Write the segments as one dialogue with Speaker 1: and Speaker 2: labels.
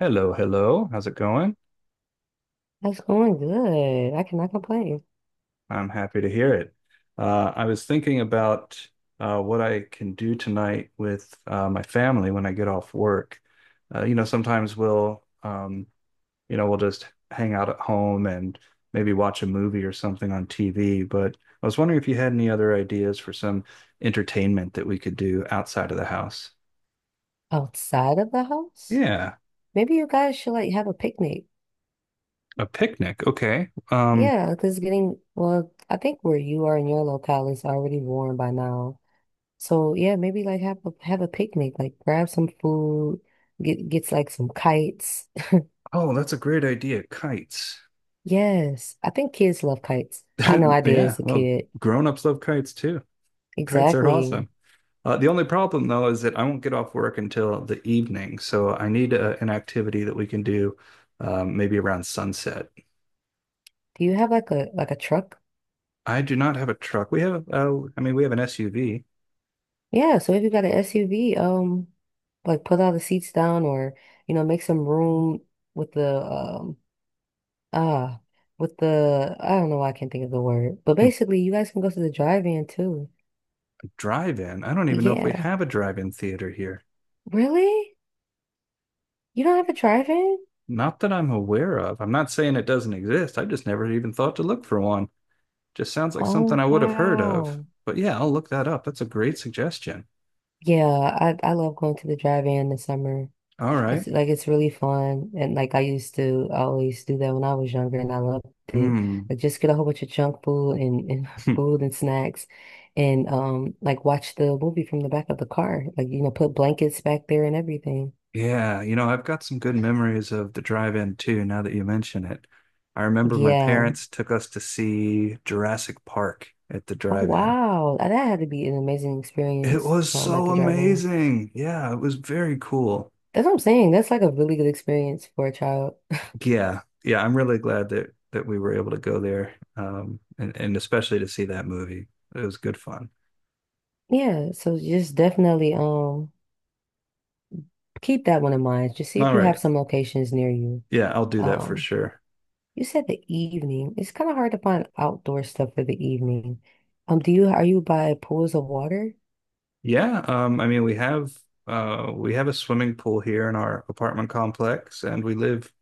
Speaker 1: Hello, hello. How's it going?
Speaker 2: That's going good. I cannot complain.
Speaker 1: I'm happy to hear it. I was thinking about what I can do tonight with my family when I get off work. You know, sometimes we'll you know, we'll just hang out at home and maybe watch a movie or something on TV. But I was wondering if you had any other ideas for some entertainment that we could do outside of the house.
Speaker 2: Outside of the house?
Speaker 1: Yeah,
Speaker 2: Maybe you guys should like have a picnic.
Speaker 1: a picnic. Okay.
Speaker 2: Yeah, because it's getting, well, I think where you are in your locale is already warm by now. So yeah, maybe like have a picnic, like grab some food, get gets like some kites.
Speaker 1: Oh, that's a great idea. Kites.
Speaker 2: Yes, I think kids love kites. I know I did
Speaker 1: Yeah,
Speaker 2: as a
Speaker 1: well,
Speaker 2: kid.
Speaker 1: grown-ups love kites too. Kites are
Speaker 2: Exactly.
Speaker 1: awesome. The only problem though is that I won't get off work until the evening, so I need an activity that we can do maybe around sunset.
Speaker 2: Do you have like a truck?
Speaker 1: I do not have a truck. We have, I mean, we have an SUV.
Speaker 2: Yeah, so if you got an SUV, like put all the seats down or, you know, make some room with the ah with the I don't know why I can't think of the word. But basically you guys can go to the drive-in too.
Speaker 1: Drive-in. I don't even know if we
Speaker 2: Yeah.
Speaker 1: have a drive-in theater here.
Speaker 2: Really? You don't have a drive-in?
Speaker 1: Not that I'm aware of. I'm not saying it doesn't exist. I just never even thought to look for one. Just sounds like something
Speaker 2: Oh
Speaker 1: I would have heard of.
Speaker 2: wow.
Speaker 1: But yeah, I'll look that up. That's a great suggestion.
Speaker 2: Yeah, I love going to the drive-in this summer.
Speaker 1: All
Speaker 2: It's
Speaker 1: right.
Speaker 2: like it's really fun. And like I used to always do that when I was younger and I loved it.
Speaker 1: Hmm.
Speaker 2: Like just get a whole bunch of junk food and food and snacks and like watch the movie from the back of the car. Like, you know, put blankets back there and everything.
Speaker 1: Yeah, you know, I've got some good memories of the drive-in too, now that you mention it. I remember my
Speaker 2: Yeah.
Speaker 1: parents took us to see Jurassic Park at the
Speaker 2: Oh
Speaker 1: drive-in.
Speaker 2: wow. That had to be an amazing
Speaker 1: It
Speaker 2: experience
Speaker 1: was
Speaker 2: at
Speaker 1: so
Speaker 2: the drive room.
Speaker 1: amazing. Yeah, it was very cool.
Speaker 2: That's what I'm saying. That's like a really good experience for a child.
Speaker 1: Yeah. Yeah, I'm really glad that we were able to go there. And especially to see that movie. It was good fun.
Speaker 2: Yeah, so just definitely keep that one in mind. Just see
Speaker 1: All
Speaker 2: if you
Speaker 1: right.
Speaker 2: have some locations near you.
Speaker 1: Yeah, I'll do that for
Speaker 2: Um
Speaker 1: sure.
Speaker 2: You said the evening. It's kind of hard to find outdoor stuff for the evening. Do you are you by pools of water?
Speaker 1: Yeah, I mean we have we have a swimming pool here in our apartment complex and we live.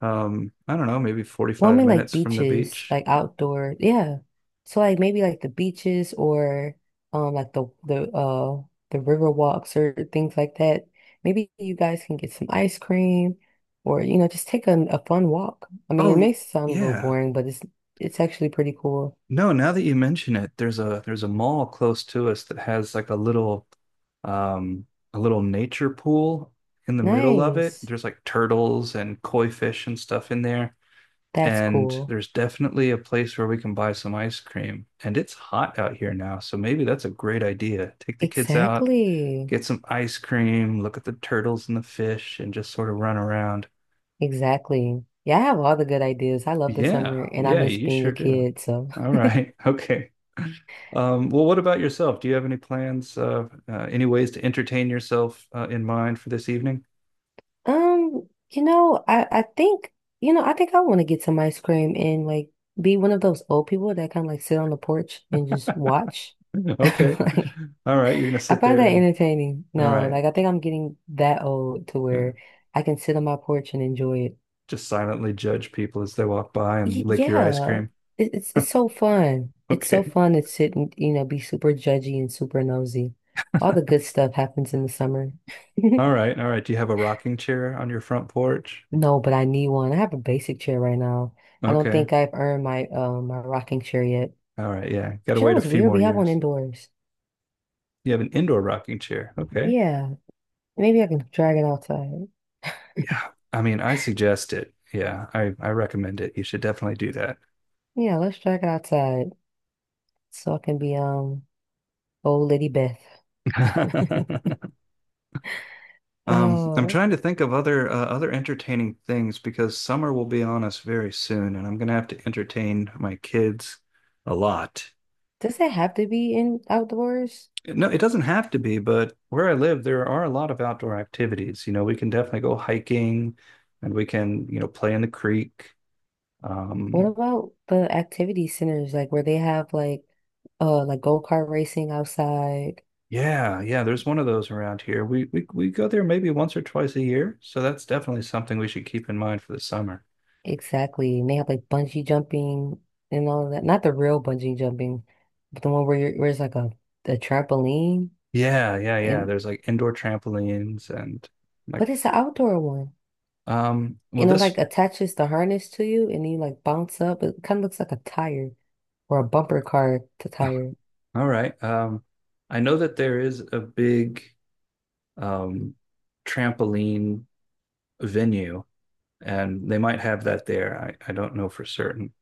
Speaker 1: I don't know, maybe
Speaker 2: Well, I
Speaker 1: 45
Speaker 2: mean like
Speaker 1: minutes from the
Speaker 2: beaches,
Speaker 1: beach.
Speaker 2: like outdoor. Yeah. So like maybe like the beaches or like the river walks or things like that. Maybe you guys can get some ice cream or you know just take a fun walk. I mean,
Speaker 1: Oh,
Speaker 2: it
Speaker 1: y-
Speaker 2: may sound a little
Speaker 1: yeah.
Speaker 2: boring, but it's actually pretty cool.
Speaker 1: No, now that you mention it, there's a mall close to us that has like um a little nature pool in the middle of it.
Speaker 2: Nice.
Speaker 1: There's like turtles and koi fish and stuff in there.
Speaker 2: That's
Speaker 1: And
Speaker 2: cool.
Speaker 1: there's definitely a place where we can buy some ice cream. And it's hot out here now, so maybe that's a great idea. Take the kids out,
Speaker 2: Exactly.
Speaker 1: get some ice cream, look at the turtles and the fish, and just sort of run around.
Speaker 2: Exactly. Yeah, I have all the good ideas. I love the
Speaker 1: Yeah,
Speaker 2: summer and I
Speaker 1: yeah,
Speaker 2: miss
Speaker 1: you
Speaker 2: being
Speaker 1: sure
Speaker 2: a
Speaker 1: do.
Speaker 2: kid. So,
Speaker 1: All right. Okay. Well, what about yourself? Do you have any plans, any ways to entertain yourself in mind for this evening?
Speaker 2: you know, I think I want to get some ice cream and like be one of those old people that kind of like sit on the porch and just watch.
Speaker 1: Okay.
Speaker 2: Like,
Speaker 1: All right. You're gonna
Speaker 2: I
Speaker 1: sit
Speaker 2: find
Speaker 1: there
Speaker 2: that
Speaker 1: and
Speaker 2: entertaining.
Speaker 1: all
Speaker 2: No,
Speaker 1: right,
Speaker 2: like I think I'm getting that old to
Speaker 1: uh,
Speaker 2: where I can sit on my porch and enjoy it.
Speaker 1: just silently judge people as they walk by and
Speaker 2: Y-
Speaker 1: lick your ice
Speaker 2: Yeah,
Speaker 1: cream.
Speaker 2: it, it's it's so fun. It's so
Speaker 1: Okay.
Speaker 2: fun to sit and you know be super judgy and super nosy. All the good stuff happens in the summer.
Speaker 1: All right. All right. Do you have a rocking chair on your front porch?
Speaker 2: No, but I need one. I have a basic chair right now. I don't
Speaker 1: Okay.
Speaker 2: think I've earned my my rocking chair yet.
Speaker 1: All right. Yeah. Got
Speaker 2: But
Speaker 1: to
Speaker 2: you know
Speaker 1: wait a
Speaker 2: what's
Speaker 1: few
Speaker 2: weird?
Speaker 1: more
Speaker 2: We have one
Speaker 1: years.
Speaker 2: indoors.
Speaker 1: You have an indoor rocking chair. Okay.
Speaker 2: Yeah, maybe I can drag it outside.
Speaker 1: Yeah, I mean, I suggest it. Yeah, I recommend it. You should definitely do
Speaker 2: Yeah, let's drag it outside so I can be old lady Beth.
Speaker 1: that. I'm
Speaker 2: Oh,
Speaker 1: trying to think of other other entertaining things because summer will be on us very soon, and I'm gonna have to entertain my kids a lot.
Speaker 2: does it have to be in outdoors?
Speaker 1: No, it doesn't have to be, but where I live, there are a lot of outdoor activities. You know, we can definitely go hiking, and we can, you know, play in the creek.
Speaker 2: What
Speaker 1: Um,
Speaker 2: about the activity centers, like where they have like like go-kart racing outside?
Speaker 1: Yeah, yeah, there's one of those around here. We go there maybe once or twice a year, so that's definitely something we should keep in mind for the summer.
Speaker 2: Exactly. And they have like bungee jumping and all of that. Not the real bungee jumping, but the one where you're where it's like a trampoline
Speaker 1: Yeah, yeah, yeah.
Speaker 2: and
Speaker 1: There's like indoor trampolines and
Speaker 2: but
Speaker 1: like
Speaker 2: it's an outdoor one.
Speaker 1: well
Speaker 2: And it like
Speaker 1: this
Speaker 2: attaches the harness to you and you like bounce up. It kind of looks like a tire or a bumper car to tire.
Speaker 1: all right. Um, I know that there is a big um trampoline venue and they might have that there. I don't know for certain.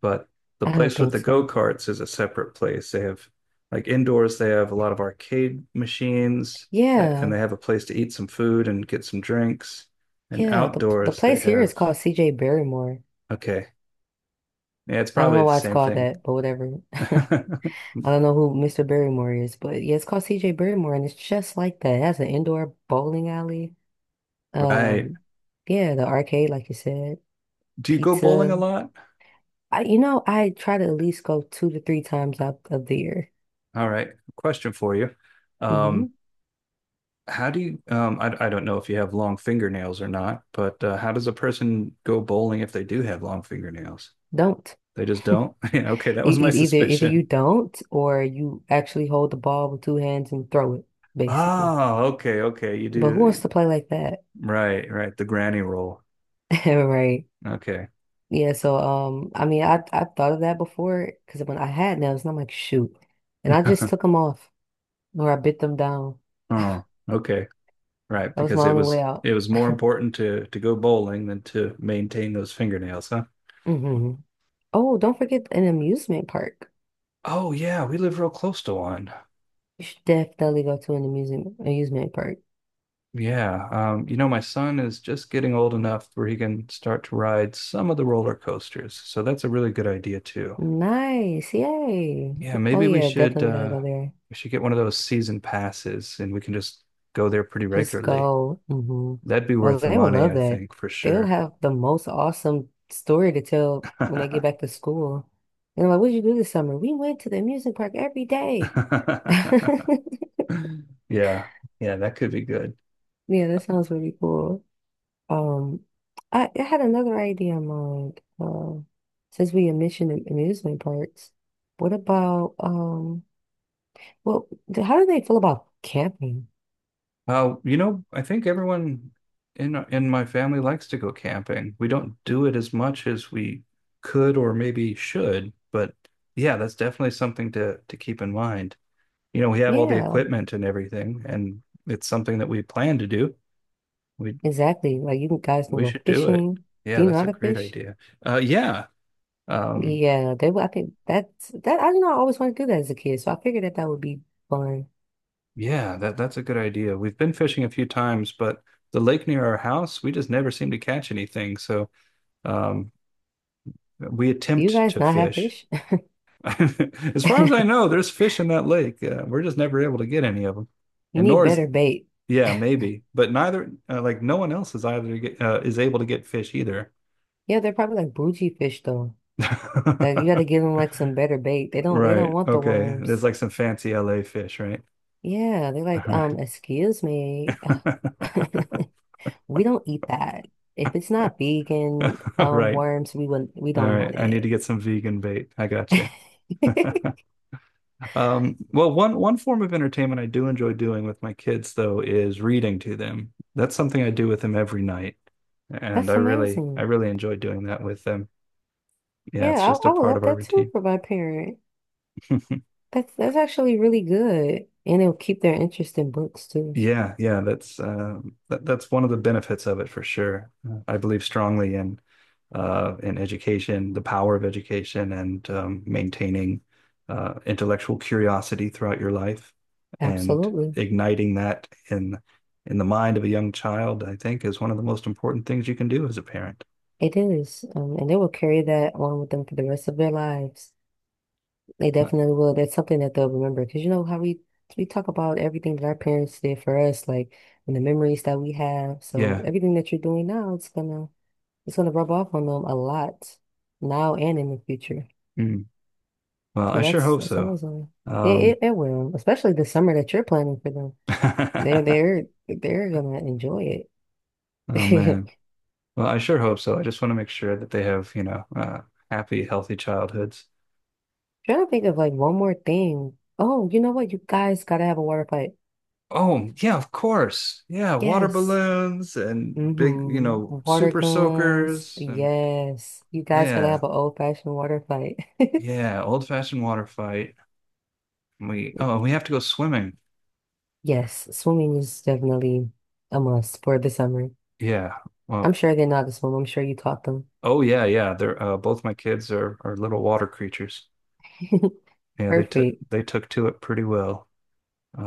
Speaker 1: But the
Speaker 2: I don't
Speaker 1: place with
Speaker 2: think
Speaker 1: the
Speaker 2: so.
Speaker 1: go-karts is a separate place. They have like indoors, they have a lot of arcade machines and
Speaker 2: Yeah.
Speaker 1: they have a place to eat some food and get some drinks. And
Speaker 2: Yeah. The
Speaker 1: outdoors, they
Speaker 2: place here is
Speaker 1: have,
Speaker 2: called CJ Barrymore.
Speaker 1: okay. Yeah, it's
Speaker 2: I don't
Speaker 1: probably
Speaker 2: know
Speaker 1: the
Speaker 2: why it's
Speaker 1: same
Speaker 2: called
Speaker 1: thing.
Speaker 2: that, but whatever. I don't know who Mr. Barrymore is, but yeah, it's called CJ Barrymore, and it's just like that. It has an indoor bowling alley.
Speaker 1: Right.
Speaker 2: Um, yeah, the arcade, like you said,
Speaker 1: Do you go bowling a
Speaker 2: pizza.
Speaker 1: lot?
Speaker 2: I try to at least go 2 to 3 times out of the year.
Speaker 1: All right. Question for you.
Speaker 2: Hmm
Speaker 1: Um, how do you, I don't know if you have long fingernails or not, but how does a person go bowling if they do have long fingernails?
Speaker 2: Don't.
Speaker 1: They just don't? Yeah, okay, that
Speaker 2: E-
Speaker 1: was my
Speaker 2: e- Either either you
Speaker 1: suspicion.
Speaker 2: don't, or you actually hold the ball with two hands and throw it, basically.
Speaker 1: Oh, okay, okay. You
Speaker 2: But who wants
Speaker 1: do
Speaker 2: to play like that,
Speaker 1: right, right. The granny roll.
Speaker 2: right?
Speaker 1: Okay.
Speaker 2: Yeah, so I mean, I thought of that before because when I had nails, and I'm like, shoot, and I just took them off or I bit them down.
Speaker 1: Oh, okay. Right,
Speaker 2: That was my
Speaker 1: because it
Speaker 2: only
Speaker 1: was
Speaker 2: way out.
Speaker 1: it was more important to go bowling than to maintain those fingernails, huh?
Speaker 2: Hmm Oh, don't forget an amusement park.
Speaker 1: Oh yeah, we live real close to one.
Speaker 2: You should definitely go to an amusement park.
Speaker 1: Yeah. You know, my son is just getting old enough where he can start to ride some of the roller coasters. So that's a really good idea too.
Speaker 2: Nice, yay!
Speaker 1: Yeah,
Speaker 2: Oh
Speaker 1: maybe
Speaker 2: yeah, definitely gotta go there.
Speaker 1: we should get one of those season passes and we can just go there pretty
Speaker 2: Just
Speaker 1: regularly.
Speaker 2: go. Hmm
Speaker 1: That'd be
Speaker 2: Oh,
Speaker 1: worth the
Speaker 2: they will
Speaker 1: money,
Speaker 2: love
Speaker 1: I
Speaker 2: that.
Speaker 1: think, for
Speaker 2: They'll
Speaker 1: sure.
Speaker 2: have the most awesome story to tell when they get back to school. And like, what'd you do this summer? We went to the amusement park every day.
Speaker 1: Yeah. Yeah, that could be good.
Speaker 2: Yeah, that sounds really cool. Um, I had another idea in mind. Since we mentioned amusement parks, what about um? Well, how do they feel about camping?
Speaker 1: You know, I think everyone in my family likes to go camping. We don't do it as much as we could or maybe should, but yeah, that's definitely something to keep in mind. You know, we have all the
Speaker 2: Yeah,
Speaker 1: equipment and everything, and it's something that we plan to do. We
Speaker 2: exactly. Like guys can
Speaker 1: we
Speaker 2: go
Speaker 1: should do it.
Speaker 2: fishing. Do
Speaker 1: Yeah,
Speaker 2: you know
Speaker 1: that's
Speaker 2: how
Speaker 1: a
Speaker 2: to
Speaker 1: great
Speaker 2: fish?
Speaker 1: idea. Yeah. Um,
Speaker 2: Yeah, I think that's that. I don't know. I always wanted to do that as a kid, so I figured that that would be fun.
Speaker 1: yeah, that's a good idea. We've been fishing a few times, but the lake near our house, we just never seem to catch anything. So, um, we
Speaker 2: Do you
Speaker 1: attempt
Speaker 2: guys
Speaker 1: to
Speaker 2: not have
Speaker 1: fish.
Speaker 2: fish?
Speaker 1: As far as I know, there's fish in that lake. We're just never able to get any of them.
Speaker 2: You
Speaker 1: And
Speaker 2: need
Speaker 1: nor is,
Speaker 2: better bait.
Speaker 1: yeah, maybe, but neither, like no one else is is able to get fish either.
Speaker 2: Yeah, they're probably like bougie fish though. Like you got to give them like some better bait. They don't
Speaker 1: Right.
Speaker 2: want the
Speaker 1: Okay. There's
Speaker 2: worms.
Speaker 1: like some fancy LA fish, right?
Speaker 2: Yeah, they're like,
Speaker 1: All
Speaker 2: excuse
Speaker 1: right.
Speaker 2: me. We don't eat that. If it's not vegan,
Speaker 1: All right.
Speaker 2: worms, we
Speaker 1: All
Speaker 2: don't
Speaker 1: right.
Speaker 2: want
Speaker 1: I need to
Speaker 2: it.
Speaker 1: get some vegan bait. I got you. Well, one form of entertainment I do enjoy doing with my kids, though, is reading to them. That's something I do with them every night, and I
Speaker 2: That's
Speaker 1: really I
Speaker 2: amazing.
Speaker 1: really enjoy doing that with them. Yeah, it's
Speaker 2: Yeah,
Speaker 1: just a
Speaker 2: I would
Speaker 1: part of
Speaker 2: love
Speaker 1: our
Speaker 2: that too
Speaker 1: routine.
Speaker 2: for my parent. That's actually really good. And it'll keep their interest in books too.
Speaker 1: Yeah, yeah, that's that's one of the benefits of it for sure. I believe strongly in education, the power of education, and maintaining intellectual curiosity throughout your life, and
Speaker 2: Absolutely.
Speaker 1: igniting that in the mind of a young child, I think, is one of the most important things you can do as a parent.
Speaker 2: It is. And they will carry that on with them for the rest of their lives. They
Speaker 1: Uh,
Speaker 2: definitely will. That's something that they'll remember. Because you know how we talk about everything that our parents did for us, like and the memories that we have. So
Speaker 1: yeah.
Speaker 2: everything that you're doing now, it's gonna rub off on them a lot now and in the future.
Speaker 1: Mm. Well,
Speaker 2: So
Speaker 1: I sure
Speaker 2: that's
Speaker 1: hope
Speaker 2: that's
Speaker 1: so.
Speaker 2: amazing.
Speaker 1: Um,
Speaker 2: It will, especially the summer that you're planning for them. They're they're they're gonna enjoy
Speaker 1: oh
Speaker 2: it.
Speaker 1: man. Well, I sure hope so. I just want to make sure that they have, you know, happy, healthy childhoods.
Speaker 2: Trying to think of like one more thing. Oh, you know what? You guys gotta have a water fight.
Speaker 1: Oh, yeah, of course. Yeah, water
Speaker 2: Yes.
Speaker 1: balloons and big, you
Speaker 2: hmm
Speaker 1: know,
Speaker 2: Water
Speaker 1: super
Speaker 2: guns.
Speaker 1: soakers and
Speaker 2: Yes. You guys gotta
Speaker 1: yeah,
Speaker 2: have an old-fashioned water fight.
Speaker 1: yeah, old-fashioned water fight. We oh, we have to go swimming.
Speaker 2: Yes, swimming is definitely a must for the summer.
Speaker 1: Yeah.
Speaker 2: I'm
Speaker 1: Well,
Speaker 2: sure they know how to swim. I'm sure you taught them.
Speaker 1: oh yeah, yeah. They're both my kids are little water creatures. Yeah, they took
Speaker 2: Perfect.
Speaker 1: they took to it pretty well.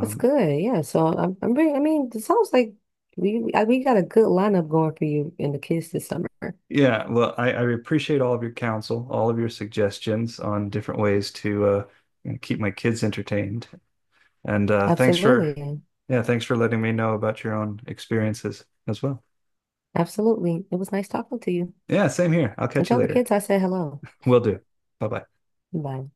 Speaker 2: That's good. Yeah. So I'm really, I mean, it sounds like we got a good lineup going for you and the kids this summer.
Speaker 1: Yeah, well, I appreciate all of your counsel, all of your suggestions on different ways to you know, keep my kids entertained. And thanks for,
Speaker 2: Absolutely.
Speaker 1: yeah, thanks for letting me know about your own experiences as well.
Speaker 2: Absolutely. It was nice talking to you.
Speaker 1: Yeah, same here. I'll
Speaker 2: And
Speaker 1: catch you
Speaker 2: tell the
Speaker 1: later.
Speaker 2: kids I said hello.
Speaker 1: Will do. Bye bye.
Speaker 2: Bye.